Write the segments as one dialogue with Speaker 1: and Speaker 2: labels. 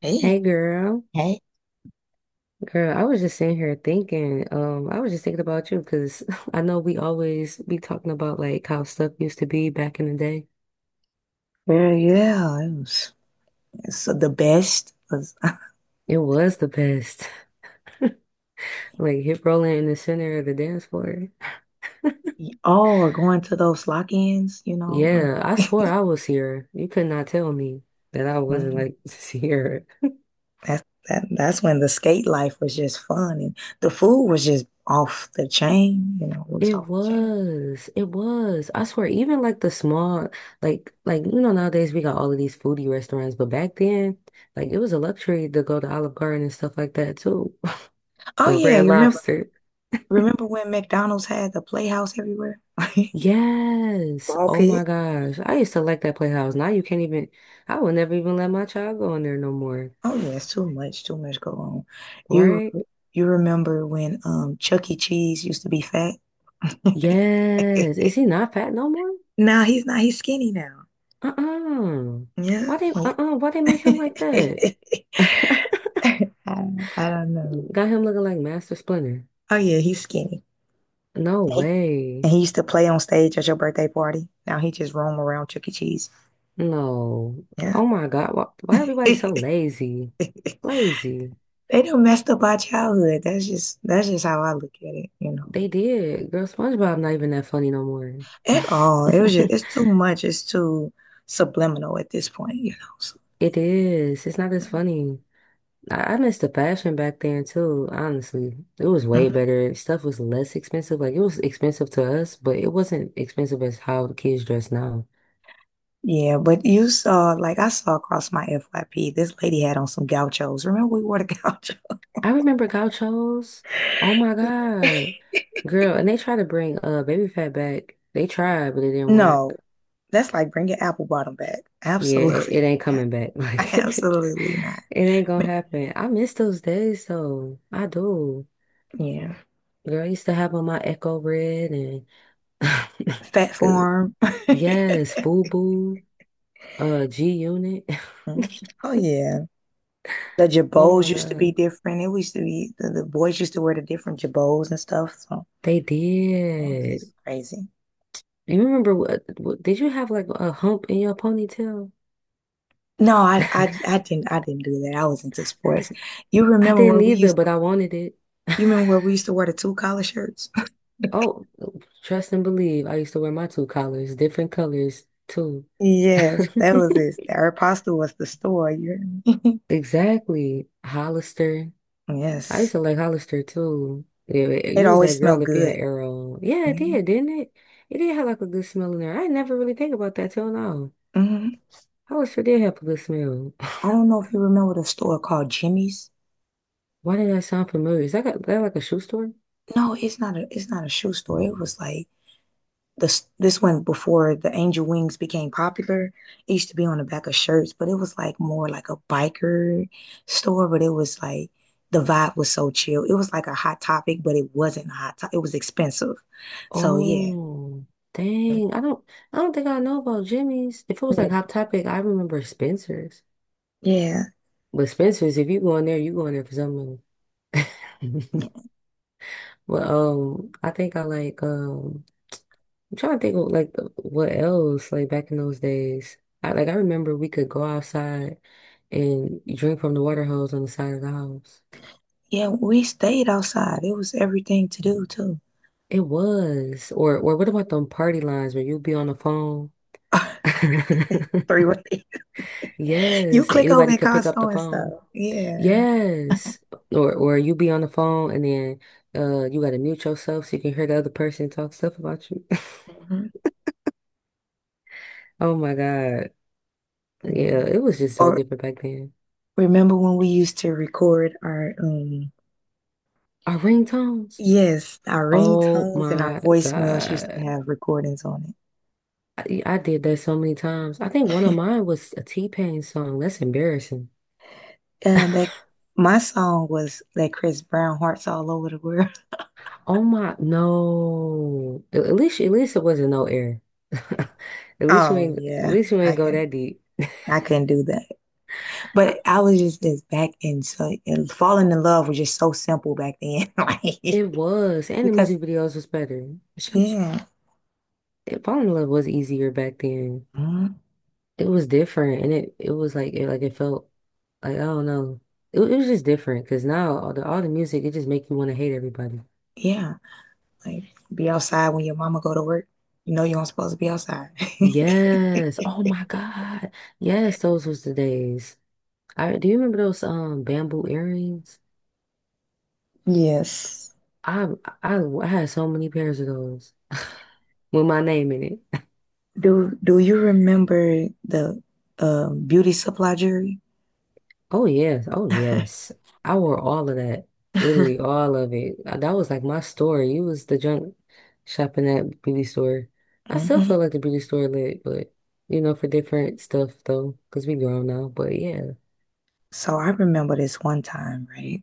Speaker 1: Hey,
Speaker 2: Hey girl.
Speaker 1: hey,
Speaker 2: Girl, I was just sitting here thinking, I was just thinking about you because I know we always be talking about like how stuff used to be back in the day.
Speaker 1: where's was
Speaker 2: It was the best. Like hip rolling in the center of the dance floor.
Speaker 1: all going to those lock-ins, you know, where
Speaker 2: Yeah, I swore I was here. You could not tell me that I wasn't
Speaker 1: mm,
Speaker 2: like here.
Speaker 1: that's that's when the skate life was just fun and the food was just off the chain, you know, it
Speaker 2: It
Speaker 1: was off the chain.
Speaker 2: was. It was. I swear, even like the small, nowadays we got all of these foodie restaurants, but back then, like it was a luxury to go to Olive Garden and stuff like that too.
Speaker 1: Oh
Speaker 2: Or
Speaker 1: yeah,
Speaker 2: Red
Speaker 1: you
Speaker 2: Lobster.
Speaker 1: remember when McDonald's had the playhouse everywhere?
Speaker 2: Yes.
Speaker 1: Ball
Speaker 2: Oh
Speaker 1: pit.
Speaker 2: my gosh. I used to like that Playhouse. Now you can't even, I would never even let my child go in there no more.
Speaker 1: Oh yeah, it's too much go on. You
Speaker 2: Right?
Speaker 1: you remember when Chuck E. Cheese used to be fat?
Speaker 2: Yes. Is he not fat no more?
Speaker 1: No, he's not, he's skinny now.
Speaker 2: Uh-uh.
Speaker 1: Yeah.
Speaker 2: Why they make him like that?
Speaker 1: I, I don't know.
Speaker 2: Got him looking like Master Splinter.
Speaker 1: Oh yeah, he's skinny.
Speaker 2: No
Speaker 1: He-
Speaker 2: way.
Speaker 1: And he used to play on stage at your birthday party. Now he just roam around Chuck E. Cheese.
Speaker 2: No.
Speaker 1: Yeah.
Speaker 2: Oh my God. Why everybody so lazy? Lazy.
Speaker 1: They done messed up our childhood. That's just how I look at it, you know.
Speaker 2: They did. Girl, SpongeBob not even that funny no more.
Speaker 1: At all. It was just It's too much. It's too subliminal at this point, you know. So,
Speaker 2: It is. It's not as funny. I missed the fashion back then too, honestly. It was way
Speaker 1: mhm.
Speaker 2: better. Stuff was less expensive. Like it was expensive to us, but it wasn't expensive as how the kids dress now.
Speaker 1: Yeah, but you saw like I saw across my FYP, this lady had on some gauchos. Remember we wore the gauchos?
Speaker 2: I remember gauchos. Oh my God. Girl, and they tried to bring baby fat back. They tried, but it didn't
Speaker 1: No,
Speaker 2: work.
Speaker 1: that's like bringing apple bottom back.
Speaker 2: Yeah, it
Speaker 1: Absolutely
Speaker 2: ain't
Speaker 1: not.
Speaker 2: coming back. Like
Speaker 1: Absolutely not.
Speaker 2: it ain't
Speaker 1: Ma-
Speaker 2: gonna happen. I miss those days though. I do.
Speaker 1: Yeah.
Speaker 2: Girl, I used to have on my Echo Red and
Speaker 1: Fat
Speaker 2: 'cause
Speaker 1: farm.
Speaker 2: yes, FUBU, G-Unit.
Speaker 1: Mm. Oh yeah. The
Speaker 2: Oh
Speaker 1: jabos
Speaker 2: my
Speaker 1: used to be
Speaker 2: God,
Speaker 1: different. It used to be the boys used to wear the different jabos and stuff. So
Speaker 2: they
Speaker 1: it was just
Speaker 2: did.
Speaker 1: crazy.
Speaker 2: You remember what? Did you have like a hump in your ponytail?
Speaker 1: No, I didn't do that. I was into sports. You
Speaker 2: I
Speaker 1: remember where
Speaker 2: didn't
Speaker 1: we
Speaker 2: either,
Speaker 1: used
Speaker 2: but I wanted it.
Speaker 1: you remember where we used to wear the two collar shirts?
Speaker 2: Oh, trust and believe. I used to wear my two collars, different colors too.
Speaker 1: Yes, that was it. Our apostle was the store. You heard me?
Speaker 2: Exactly, Hollister. I
Speaker 1: Yes.
Speaker 2: used to like Hollister too. Yeah,
Speaker 1: It
Speaker 2: you was
Speaker 1: always
Speaker 2: that
Speaker 1: smelled
Speaker 2: girl if you had
Speaker 1: good.
Speaker 2: Arrow. Yeah, it
Speaker 1: Mhm.
Speaker 2: did, didn't it? It did have like a good smell in there. I never really think about that till now.
Speaker 1: Mhm.
Speaker 2: How sure did have public smell.
Speaker 1: I don't know if you remember the store called Jimmy's.
Speaker 2: Why did that sound familiar? Is that like a shoe store?
Speaker 1: No, it's not a shoe store. It was like this one before the angel wings became popular. It used to be on the back of shirts, but it was like more like a biker store, but it was like the vibe was so chill. It was like a hot topic, but it wasn't a hot topic. It was expensive. So yeah.
Speaker 2: Oh, dang. I don't think I know about Jimmy's. If it was
Speaker 1: Yeah.
Speaker 2: like Hot Topic, I remember Spencer's.
Speaker 1: Yeah.
Speaker 2: But Spencer's, if you go in there, you go in there for something. But I think I like, I'm trying to think of like what else like back in those days. I like, I remember we could go outside and drink from the water hose on the side of the house.
Speaker 1: Yeah, we stayed outside. It was everything to do too.
Speaker 2: It was. Or what about them party lines where you'd be on the phone?
Speaker 1: Three way. You
Speaker 2: Yes, and
Speaker 1: click over
Speaker 2: anybody
Speaker 1: and
Speaker 2: could
Speaker 1: call
Speaker 2: pick up the
Speaker 1: so and
Speaker 2: phone.
Speaker 1: so. Yeah.
Speaker 2: Yes. Or you be on the phone and then you gotta mute yourself so you can hear the other person talk stuff about you.
Speaker 1: Mhm.
Speaker 2: Oh my God. Yeah,
Speaker 1: Mm.
Speaker 2: it was just so
Speaker 1: Or
Speaker 2: different back then.
Speaker 1: remember when we used to record our
Speaker 2: Our ringtones.
Speaker 1: yes, our
Speaker 2: Oh
Speaker 1: ringtones and our
Speaker 2: my
Speaker 1: voicemails used to
Speaker 2: God.
Speaker 1: have recordings on
Speaker 2: I did that so many times. I think one of
Speaker 1: it.
Speaker 2: mine was a T-Pain song. That's embarrassing.
Speaker 1: That My song was that Chris Brown Hearts All Over the World.
Speaker 2: Oh my, no. At least it wasn't no air.
Speaker 1: Oh
Speaker 2: At
Speaker 1: yeah.
Speaker 2: least you
Speaker 1: I
Speaker 2: ain't go
Speaker 1: can
Speaker 2: that deep.
Speaker 1: I couldn't do that.
Speaker 2: I,
Speaker 1: But I was just back in so and falling in love was just so simple back then. like
Speaker 2: it was, and the
Speaker 1: because
Speaker 2: music videos was better.
Speaker 1: yeah.
Speaker 2: Falling in love was easier back then.
Speaker 1: Mhm.
Speaker 2: It was different, and it was like, it felt like, I don't know. It was just different because now all the music it just make you want to hate everybody.
Speaker 1: Yeah. Like be outside when your mama go to work. You know you aren't supposed to be outside.
Speaker 2: Yes. Oh my God. Yes, those was the days. I do You remember those bamboo earrings?
Speaker 1: Yes.
Speaker 2: I I I had so many pairs of those with my name in it.
Speaker 1: Do you remember the beauty supply jury?
Speaker 2: Oh yes, oh
Speaker 1: Hmm.
Speaker 2: yes. I wore all of that. Literally all of it. That was like my store. You was the junk shopping at beauty store. I still feel like the beauty store lit, but for different stuff though, because we grown now. But yeah.
Speaker 1: So I remember this one time, right?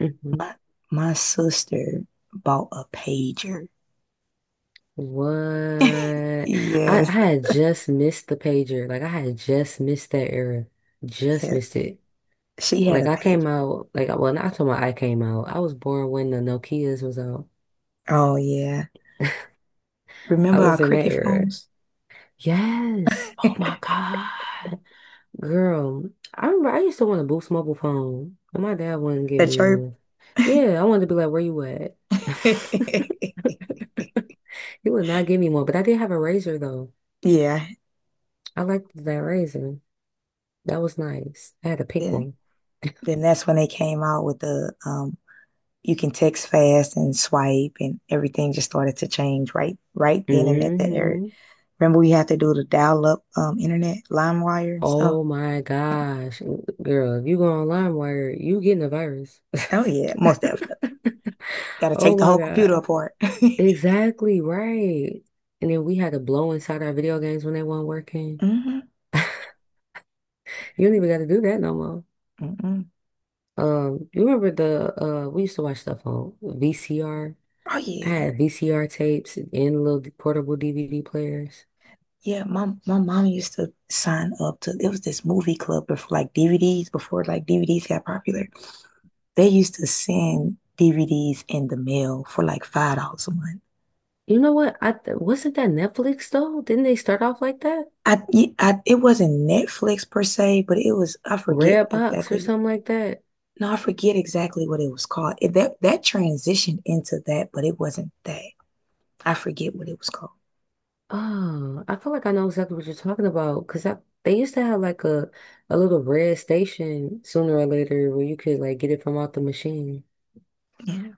Speaker 2: Hmm.
Speaker 1: My my sister bought a pager.
Speaker 2: What? I
Speaker 1: Yes,
Speaker 2: had just missed the pager. Like I had just missed that era. Just
Speaker 1: yes.
Speaker 2: missed it.
Speaker 1: She had
Speaker 2: Like
Speaker 1: a
Speaker 2: I
Speaker 1: pager.
Speaker 2: came out, like, well, not to my, I came out. I was born when the Nokias was out.
Speaker 1: Oh yeah.
Speaker 2: I
Speaker 1: Remember our
Speaker 2: was in that
Speaker 1: cricket
Speaker 2: era.
Speaker 1: phones?
Speaker 2: Yes. Oh my God. Girl, I remember I used to want a Boost mobile phone, and my dad wouldn't get
Speaker 1: The
Speaker 2: me
Speaker 1: chirp?
Speaker 2: one. Yeah, I wanted to be like, where you at? He would not give me one, but I did have a razor though.
Speaker 1: Yeah.
Speaker 2: I liked that razor. That was nice. I had a pink
Speaker 1: Yeah.
Speaker 2: one.
Speaker 1: Then that's when they came out with the you can text fast and swipe, and everything just started to change right then and at that area.
Speaker 2: hmm
Speaker 1: Remember, we had to do the dial up internet, line wire and stuff.
Speaker 2: Oh my gosh. Girl, if you go on LimeWire, you getting a virus.
Speaker 1: Oh yeah, most definitely. Got to
Speaker 2: Oh
Speaker 1: take the
Speaker 2: my
Speaker 1: whole computer
Speaker 2: God.
Speaker 1: apart.
Speaker 2: Exactly right. And then we had to blow inside our video games when they weren't working.
Speaker 1: Hmm.
Speaker 2: You don't even got to do that no more.
Speaker 1: Mm-mm.
Speaker 2: You remember the we used to watch stuff on VCR.
Speaker 1: Oh
Speaker 2: I
Speaker 1: yeah,
Speaker 2: had VCR tapes and little portable DVD players.
Speaker 1: yeah. My mom used to sign up to. It was this movie club before like DVDs. Before like DVDs got popular, they used to send DVDs in the mail for like $5 a month.
Speaker 2: You know what? I th wasn't that Netflix though? Didn't they start off like that?
Speaker 1: I, I it wasn't Netflix per se, but it was I forget
Speaker 2: Redbox or
Speaker 1: exactly.
Speaker 2: something like that.
Speaker 1: No, I forget exactly what it was called. That transitioned into that, but it wasn't that. I forget what it was called.
Speaker 2: Oh, I feel like I know exactly what you're talking about because I they used to have like a little red station sooner or later where you could like get it from out the machine.
Speaker 1: Yeah,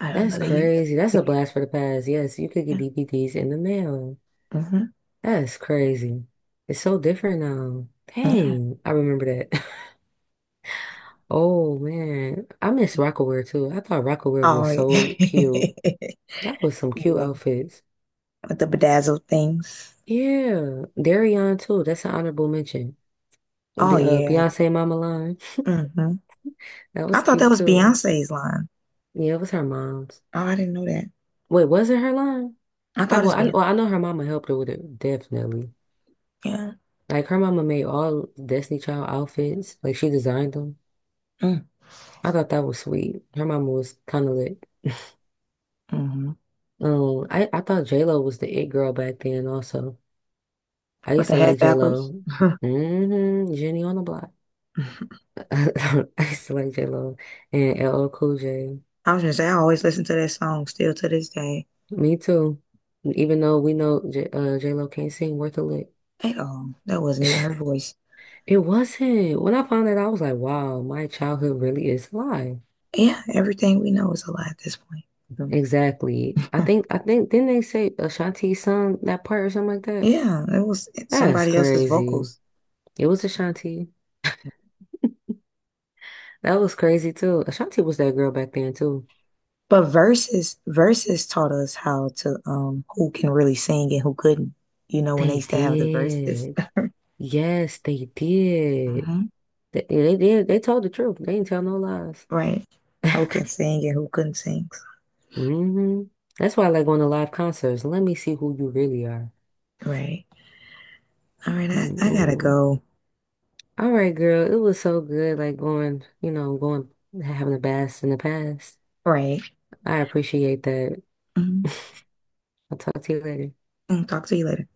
Speaker 1: I don't
Speaker 2: That's
Speaker 1: know. They, u-
Speaker 2: crazy. That's a
Speaker 1: they
Speaker 2: blast for the past. Yes, you could get
Speaker 1: yeah,
Speaker 2: DVDs in the mail.
Speaker 1: hmm
Speaker 2: That's crazy. It's so different now.
Speaker 1: yeah.
Speaker 2: Dang, I remember that. Oh man, I miss Rockaware too. I thought Rockaware
Speaker 1: Oh,
Speaker 2: was so
Speaker 1: yeah.
Speaker 2: cute. That was some cute
Speaker 1: With
Speaker 2: outfits.
Speaker 1: the bedazzled things.
Speaker 2: Yeah, Darion too. That's an honorable mention.
Speaker 1: Oh yeah.
Speaker 2: Beyonce Mama Line.
Speaker 1: Hmm.
Speaker 2: That
Speaker 1: I
Speaker 2: was
Speaker 1: thought that
Speaker 2: cute
Speaker 1: was
Speaker 2: too.
Speaker 1: Beyonce's line.
Speaker 2: Yeah, it was her mom's.
Speaker 1: Oh, I didn't know that.
Speaker 2: Wait, was it her line?
Speaker 1: I
Speaker 2: I
Speaker 1: thought it's
Speaker 2: well, I,
Speaker 1: Beyonce.
Speaker 2: well, I know her mama helped her with it, definitely.
Speaker 1: Yeah.
Speaker 2: Like her mama made all Destiny Child outfits. Like she designed them.
Speaker 1: Mm-hmm.
Speaker 2: I thought that was sweet. Her mama was kind of lit.
Speaker 1: Mm-hmm.
Speaker 2: I thought J-Lo was the it girl back then also. I
Speaker 1: With
Speaker 2: used
Speaker 1: the
Speaker 2: to like
Speaker 1: hat backwards.
Speaker 2: J-Lo. Mm-hmm. Jenny on the block. I used to like J-Lo and LL Cool J.
Speaker 1: I was gonna say I always listen to that song still to this day.
Speaker 2: Me too. Even though we know J-Lo can't sing worth a lick.
Speaker 1: Hey, oh, that wasn't even her voice.
Speaker 2: It wasn't. When I found that, I was like, wow, my childhood really is a lie.
Speaker 1: Yeah, everything we know is a lie at this point.
Speaker 2: Exactly. I
Speaker 1: Mm.
Speaker 2: think, I think, didn't they say Ashanti sung that part or something like that?
Speaker 1: Yeah, it was
Speaker 2: That's
Speaker 1: somebody else's
Speaker 2: crazy.
Speaker 1: vocals.
Speaker 2: It was Ashanti. That was crazy too. Ashanti was that girl back then too.
Speaker 1: But Versus taught us how to who can really sing and who couldn't. You know, when they
Speaker 2: They
Speaker 1: used to have the verses.
Speaker 2: did. Yes, they did.
Speaker 1: Hmm.
Speaker 2: They did. They told the truth. They didn't tell no lies.
Speaker 1: Right. Who can sing and who couldn't sing.
Speaker 2: hmm That's why I like going to live concerts. Let me see who you really are.
Speaker 1: Right. All right, I gotta
Speaker 2: Mm-mm.
Speaker 1: go.
Speaker 2: All right, girl. It was so good, like going, having a blast in the past.
Speaker 1: Right.
Speaker 2: I appreciate that.
Speaker 1: Mhm.
Speaker 2: I'll talk to you later.
Speaker 1: Mm, talk to you later.